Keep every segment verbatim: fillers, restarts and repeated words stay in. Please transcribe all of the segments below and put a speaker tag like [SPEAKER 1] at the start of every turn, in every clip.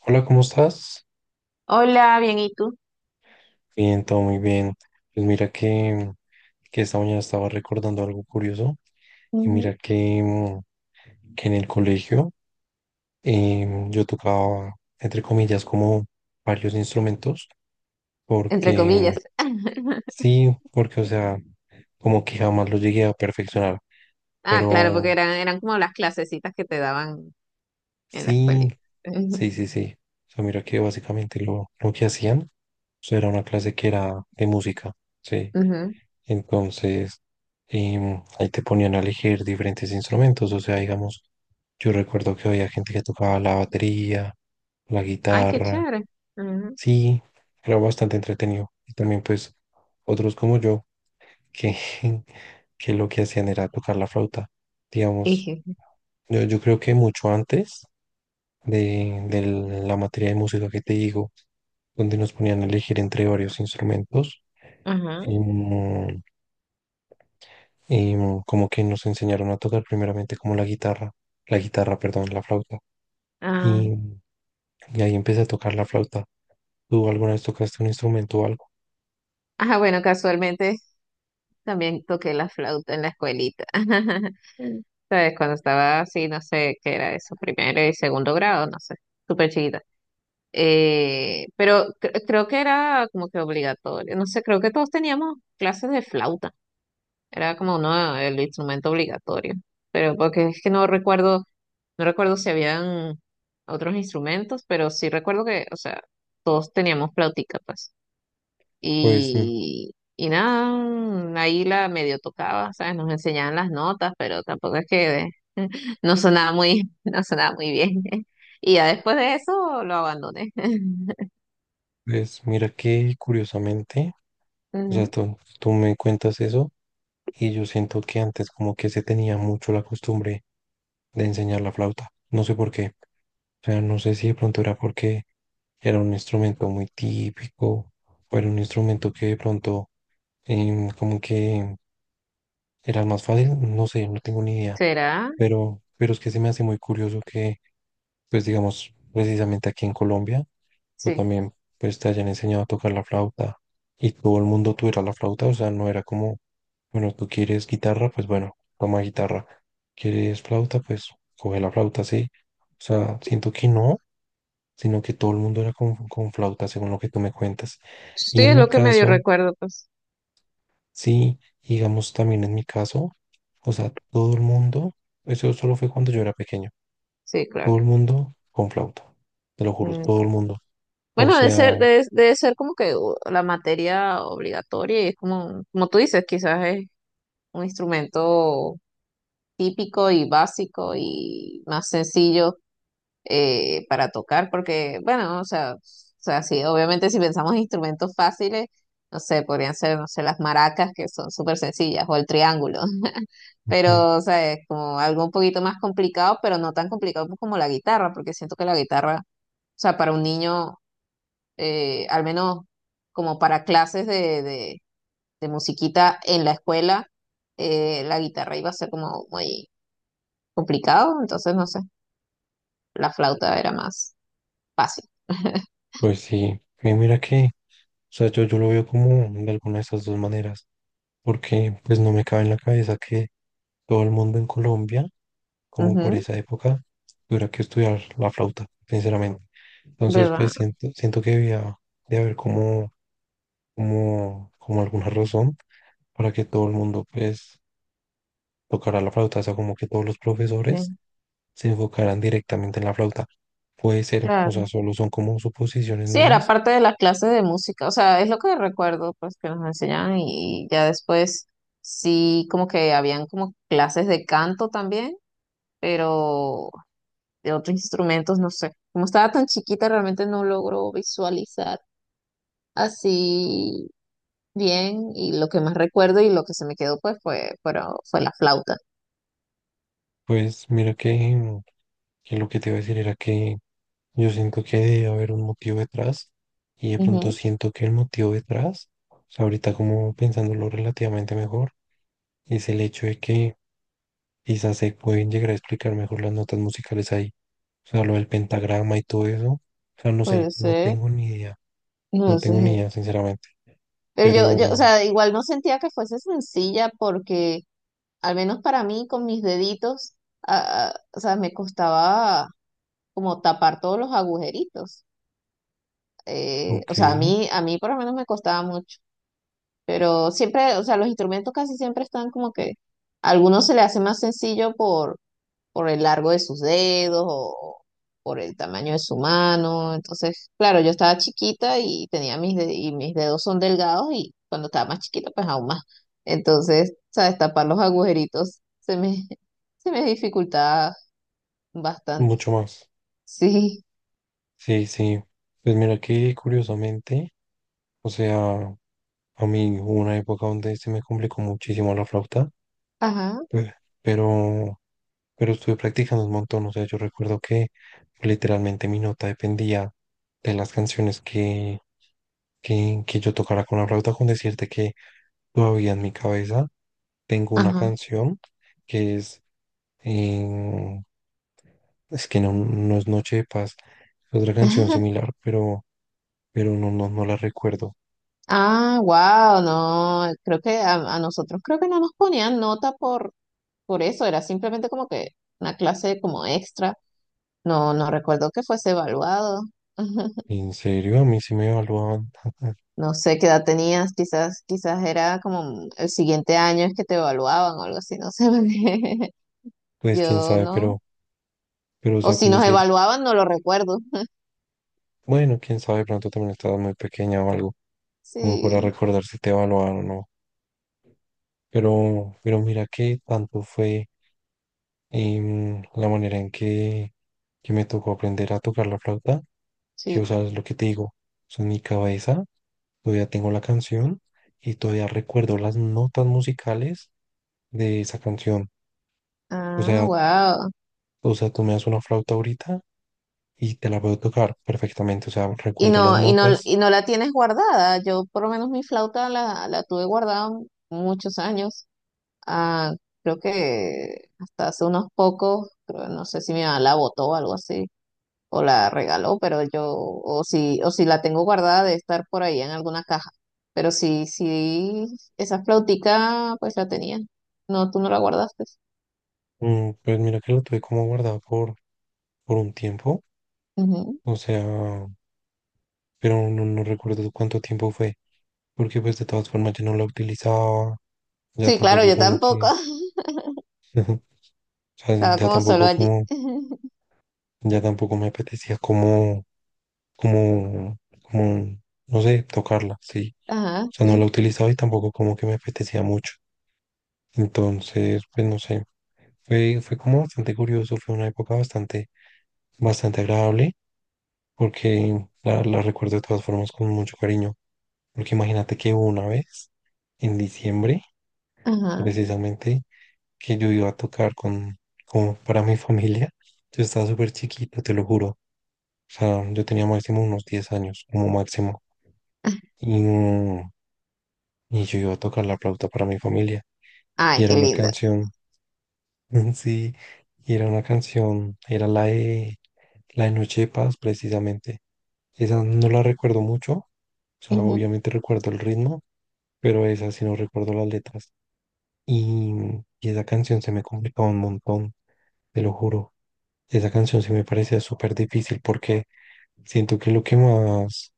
[SPEAKER 1] Hola, ¿cómo estás?
[SPEAKER 2] Hola, bien, ¿y tú?
[SPEAKER 1] Bien, todo muy bien. Pues mira que, que esta mañana estaba recordando algo curioso y
[SPEAKER 2] Ujú.
[SPEAKER 1] mira que, mm, que en el colegio, em, yo tocaba, entre comillas, como varios instrumentos
[SPEAKER 2] Entre
[SPEAKER 1] porque
[SPEAKER 2] comillas.
[SPEAKER 1] sí, porque o sea, como que jamás lo llegué a perfeccionar,
[SPEAKER 2] Ah, claro,
[SPEAKER 1] pero
[SPEAKER 2] porque eran, eran como las clasecitas que te daban en la
[SPEAKER 1] sí,
[SPEAKER 2] escuelita. Ujú,
[SPEAKER 1] sí, sí, sí. O sea, mira que básicamente lo, lo que hacían, o sea, era una clase que era de música, sí.
[SPEAKER 2] ujú.
[SPEAKER 1] Entonces, em, ahí te ponían a elegir diferentes instrumentos. O sea, digamos, yo recuerdo que había gente que tocaba la batería, la
[SPEAKER 2] Ay, qué
[SPEAKER 1] guitarra.
[SPEAKER 2] chévere. Ujú.
[SPEAKER 1] Sí, era bastante entretenido. Y también, pues, otros como yo, que, que lo que hacían era tocar la flauta. Digamos,
[SPEAKER 2] Dije,
[SPEAKER 1] yo, yo creo que mucho antes de, de la materia de música que te digo, donde nos ponían a elegir entre varios instrumentos.
[SPEAKER 2] ajá,
[SPEAKER 1] em, y mm, como que nos enseñaron a tocar primeramente como la guitarra, la guitarra, perdón, la flauta.
[SPEAKER 2] ah.
[SPEAKER 1] Y, y ahí empecé a tocar la flauta. ¿Tú alguna vez tocaste un instrumento o algo?
[SPEAKER 2] Ajá, bueno, casualmente también toqué la flauta en la escuelita. ¿Sabes? Cuando estaba así, no sé qué era eso, primero y segundo grado, no sé, súper chiquita. Eh, pero cre- creo que era como que obligatorio. No sé, creo que todos teníamos clases de flauta. Era como uno, el instrumento obligatorio. Pero porque es que no recuerdo, no recuerdo si habían otros instrumentos, pero sí recuerdo que, o sea, todos teníamos flautica, pues.
[SPEAKER 1] Pues, mm,
[SPEAKER 2] Y, y nada, mm, ahí la medio tocaba, ¿sabes? Nos enseñaban las notas, pero tampoco es que de- no sonaba muy, no sonaba muy bien. Y ya después de eso lo abandoné.
[SPEAKER 1] pues mira que curiosamente, o sea,
[SPEAKER 2] Ujú.
[SPEAKER 1] tú, tú me cuentas eso y yo siento que antes como que se tenía mucho la costumbre de enseñar la flauta. No sé por qué. O sea, no sé si de pronto era porque era un instrumento muy típico o era un instrumento que de pronto, em, como que, ¿era el más fácil? No sé, no tengo ni idea.
[SPEAKER 2] ¿Será?
[SPEAKER 1] Pero, pero es que se me hace muy curioso que, pues digamos, precisamente aquí en Colombia, tú
[SPEAKER 2] Sí.
[SPEAKER 1] también, pues te hayan enseñado a tocar la flauta y todo el mundo tuviera la flauta, o sea, no era como, bueno, tú quieres guitarra, pues bueno, toma guitarra. ¿Quieres flauta? Pues coge la flauta, sí. O sea, siento que no, sino que todo el mundo era con, con flauta, según lo que tú me cuentas.
[SPEAKER 2] Sí,
[SPEAKER 1] Y en
[SPEAKER 2] es
[SPEAKER 1] mi
[SPEAKER 2] lo que medio
[SPEAKER 1] caso...
[SPEAKER 2] recuerdo, pues.
[SPEAKER 1] Sí, y digamos también en mi caso, o sea, todo el mundo, eso solo fue cuando yo era pequeño,
[SPEAKER 2] Sí,
[SPEAKER 1] todo
[SPEAKER 2] claro.
[SPEAKER 1] el mundo con flauta, te lo juro, todo el mundo. O
[SPEAKER 2] Bueno, debe
[SPEAKER 1] sea,
[SPEAKER 2] ser, debe, debe ser como que u- la materia obligatoria y es como, como tú dices, quizás es un instrumento típico y básico y más sencillo, eh, para tocar, porque, bueno, o sea, o sea, sí, obviamente si pensamos en instrumentos fáciles, no sé, podrían ser, no sé, las maracas que son súper sencillas o el triángulo,
[SPEAKER 1] ujú,
[SPEAKER 2] pero, o sea, es como algo un poquito más complicado, pero no tan complicado como la guitarra, porque siento que la guitarra... O sea, para un niño, eh, al menos como para clases de, de- de musiquita en la escuela, eh, la guitarra iba a ser como muy complicado, entonces no sé, la flauta era más fácil.
[SPEAKER 1] pues sí, y mira que, o sea, yo, yo lo veo como de alguna de esas dos maneras, porque pues no me cabe en la cabeza que todo el mundo en Colombia, como por
[SPEAKER 2] Ujú,
[SPEAKER 1] esa época, tuviera que estudiar la flauta, sinceramente. Entonces, pues
[SPEAKER 2] ¿verdad?
[SPEAKER 1] siento, siento que debía de haber como, como, como alguna razón para que todo el mundo pues tocara la flauta, o sea, como que todos los
[SPEAKER 2] Sí,
[SPEAKER 1] profesores se enfocaran directamente en la flauta. Puede ser, o sea,
[SPEAKER 2] claro.
[SPEAKER 1] solo son como suposiciones
[SPEAKER 2] Sí, era
[SPEAKER 1] mías.
[SPEAKER 2] parte de las clases de música, o sea, es lo que recuerdo, pues que nos enseñaban y ya después sí, como que habían como clases de canto también, pero de otros instrumentos, no sé. Como estaba tan chiquita, realmente no logro visualizar así bien, y lo que más recuerdo y lo que se me quedó pues fue, fueron- fue la flauta.
[SPEAKER 1] Pues mira que, mm, que lo que te iba a decir era que yo siento que debe haber un motivo detrás y de pronto
[SPEAKER 2] Ujú,
[SPEAKER 1] siento que el motivo detrás, o sea, ahorita como pensándolo relativamente mejor, es el hecho de que quizás se pueden llegar a explicar mejor las notas musicales ahí, o sea, lo del pentagrama y todo eso. O sea, no
[SPEAKER 2] puede
[SPEAKER 1] sé, no
[SPEAKER 2] ser,
[SPEAKER 1] tengo ni idea No
[SPEAKER 2] no
[SPEAKER 1] tengo ni
[SPEAKER 2] sé.
[SPEAKER 1] idea, sinceramente,
[SPEAKER 2] Pero yo, yo, o
[SPEAKER 1] pero
[SPEAKER 2] sea, igual no sentía que fuese sencilla porque al menos para mí con mis deditos, ah, ah, o sea, me costaba como tapar todos los agujeritos. Eh,
[SPEAKER 1] ok,
[SPEAKER 2] o sea, a mí, a mí por lo menos me costaba mucho. Pero siempre, o sea, los instrumentos casi siempre están como que a algunos se le hace más sencillo por por el largo de sus dedos o por el tamaño de su mano. Entonces, claro, yo estaba chiquita y tenía mis de- y mis dedos son delgados y cuando estaba más chiquita, pues aún más. Entonces, sabes, tapar los agujeritos se me, se me dificultaba bastante.
[SPEAKER 1] mucho más.
[SPEAKER 2] Sí,
[SPEAKER 1] Sí, sí. Pues mira que curiosamente, o sea, a mí hubo una época donde se me complicó muchísimo la flauta,
[SPEAKER 2] ajá,
[SPEAKER 1] pe- pero, pero estuve practicando un montón. O sea, yo recuerdo que literalmente mi nota dependía de las canciones que, que, que yo tocara con la flauta, con decirte que todavía en mi cabeza tengo una
[SPEAKER 2] ajá.
[SPEAKER 1] canción que es... eh, es que no, no es Noche de Paz, es otra canción similar, pero, pero no, no, no la recuerdo.
[SPEAKER 2] Ah, wow, no, creo que a, a nosotros creo que no nos ponían nota por, por eso, era simplemente como que una clase como extra. No, no recuerdo que fuese evaluado.
[SPEAKER 1] En serio, a mí sí me evaluaban.
[SPEAKER 2] No sé qué edad tenías, quizás, quizás era como el siguiente año es que te evaluaban o algo así, no sé. Porque
[SPEAKER 1] Pues quién
[SPEAKER 2] yo
[SPEAKER 1] sabe,
[SPEAKER 2] no.
[SPEAKER 1] pero, pero o
[SPEAKER 2] O
[SPEAKER 1] sea,
[SPEAKER 2] si
[SPEAKER 1] con
[SPEAKER 2] nos
[SPEAKER 1] decir,
[SPEAKER 2] evaluaban, no lo recuerdo.
[SPEAKER 1] bueno, quién sabe, de pronto también estabas muy pequeña o algo, como para
[SPEAKER 2] Sí,
[SPEAKER 1] recordar si te evaluaron o no. Pero, pero mira que tanto fue, em, la manera en que, que me tocó aprender a tocar la flauta, que o
[SPEAKER 2] sí.
[SPEAKER 1] sea, es lo que te digo, o sea, en mi cabeza todavía tengo la canción y todavía recuerdo las notas musicales de esa canción. O
[SPEAKER 2] Ah,
[SPEAKER 1] sea,
[SPEAKER 2] wow.
[SPEAKER 1] o sea, tú me das una flauta ahorita y te la puedo tocar perfectamente. O sea,
[SPEAKER 2] Y
[SPEAKER 1] recuerdo las
[SPEAKER 2] no, y no,
[SPEAKER 1] notas.
[SPEAKER 2] y no la tienes guardada. Yo por lo menos mi flauta la, la tuve guardada muchos años. Ah, creo que hasta hace unos pocos, creo, no sé si mi mamá la botó o algo así, o la regaló, pero yo, o si, o si la tengo guardada de estar por ahí en alguna caja. Pero sí, sí, esa flautica, pues la tenía. No, tú no la guardaste.
[SPEAKER 1] Mm, pues mira que lo tuve como guardado por, por un tiempo.
[SPEAKER 2] Ujú.
[SPEAKER 1] O sea, pero no, no recuerdo cuánto tiempo fue. Porque pues de todas formas yo no la utilizaba. Ya
[SPEAKER 2] Sí, claro,
[SPEAKER 1] tampoco
[SPEAKER 2] yo
[SPEAKER 1] como
[SPEAKER 2] tampoco.
[SPEAKER 1] que, o sea,
[SPEAKER 2] Estaba
[SPEAKER 1] ya
[SPEAKER 2] como solo
[SPEAKER 1] tampoco
[SPEAKER 2] allí.
[SPEAKER 1] como, ya tampoco me apetecía como, como, como, no sé, tocarla, sí. O
[SPEAKER 2] Ajá,
[SPEAKER 1] sea, no
[SPEAKER 2] sí.
[SPEAKER 1] la utilizaba y tampoco como que me apetecía mucho. Entonces, pues no sé, fue, fue como bastante curioso, fue una época bastante, bastante agradable, porque la, la recuerdo de todas formas con mucho cariño, porque imagínate que hubo una vez, en diciembre,
[SPEAKER 2] Ajá.
[SPEAKER 1] precisamente, que yo iba a tocar con, como para mi familia, yo estaba súper chiquito, te lo juro, o sea, yo tenía máximo unos diez años, como máximo, y, mm, y yo iba a tocar la flauta para mi familia, y
[SPEAKER 2] Ay,
[SPEAKER 1] era
[SPEAKER 2] qué
[SPEAKER 1] una
[SPEAKER 2] linda.
[SPEAKER 1] canción Sí, y era una canción, era la de, la de Noche de Paz, precisamente. Esa no la recuerdo mucho, o sea,
[SPEAKER 2] Ujú.
[SPEAKER 1] obviamente recuerdo el ritmo, pero esa sí no recuerdo las letras. Y, y esa canción se me complicaba un montón, te lo juro. Esa canción se me parecía súper difícil porque siento que lo que más,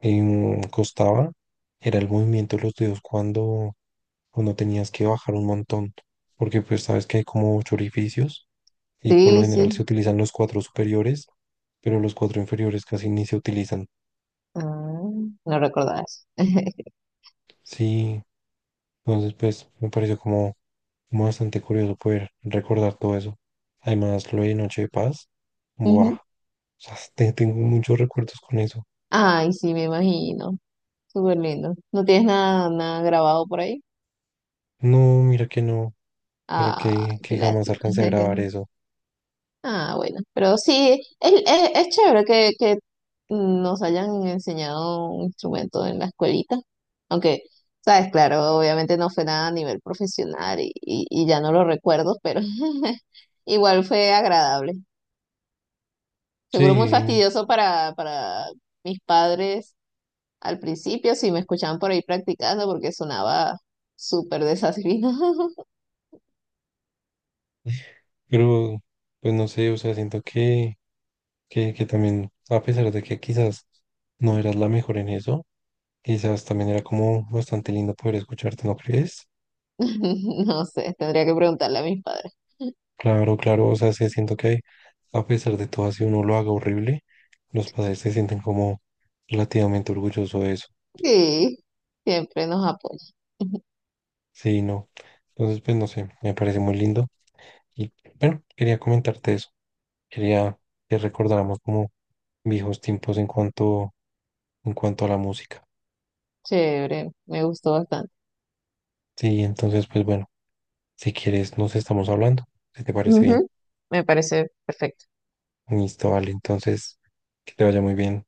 [SPEAKER 1] em, costaba era el movimiento de los dedos cuando, cuando tenías que bajar un montón, porque pues sabes que hay como ocho orificios y por lo
[SPEAKER 2] Sí,
[SPEAKER 1] general se
[SPEAKER 2] sí.
[SPEAKER 1] utilizan los cuatro superiores, pero los cuatro inferiores casi ni se utilizan.
[SPEAKER 2] Ah, no recordaba eso.
[SPEAKER 1] Sí, entonces pues me pareció como, como bastante curioso poder recordar todo eso. Además, lo de Noche de Paz, buah,
[SPEAKER 2] Ujú.
[SPEAKER 1] o sea, te- tengo muchos recuerdos con eso.
[SPEAKER 2] Ay, sí, me imagino. Súper lindo. ¿No tienes nada, nada grabado por ahí?
[SPEAKER 1] No, mira que no, mira
[SPEAKER 2] Ah,
[SPEAKER 1] que,
[SPEAKER 2] qué
[SPEAKER 1] que jamás
[SPEAKER 2] lástima.
[SPEAKER 1] alcancé a grabar eso.
[SPEAKER 2] Ah, bueno, pero sí, es, es, es chévere que, que nos hayan enseñado un instrumento en la escuelita, aunque, sabes, claro, obviamente no fue nada a nivel profesional y, y, y ya no lo recuerdo, pero igual fue agradable.
[SPEAKER 1] Sí,
[SPEAKER 2] Seguro muy fastidioso para, para mis padres al principio, si me escuchaban por ahí practicando, porque sonaba súper desafinado.
[SPEAKER 1] pero pues no sé, o sea, siento que, que, que también, a pesar de que quizás no eras la mejor en eso, quizás también era como bastante lindo poder escucharte, ¿no crees?
[SPEAKER 2] No sé, tendría que preguntarle a mis padres.
[SPEAKER 1] Claro, claro, o sea, sí siento que a pesar de todo, así uno lo haga horrible, los padres se sienten como relativamente orgullosos de eso.
[SPEAKER 2] Sí, siempre nos apoyan.
[SPEAKER 1] Sí, no. Entonces, pues no sé, me parece muy lindo. Y bueno, quería comentarte eso. Quería que recordáramos como viejos tiempos en cuanto, en cuanto a la música.
[SPEAKER 2] Chévere, me gustó bastante.
[SPEAKER 1] Sí, entonces, pues bueno, si quieres, nos estamos hablando, si te parece bien.
[SPEAKER 2] Ujú, me parece perfecto.
[SPEAKER 1] Listo, vale, entonces, que te vaya muy bien.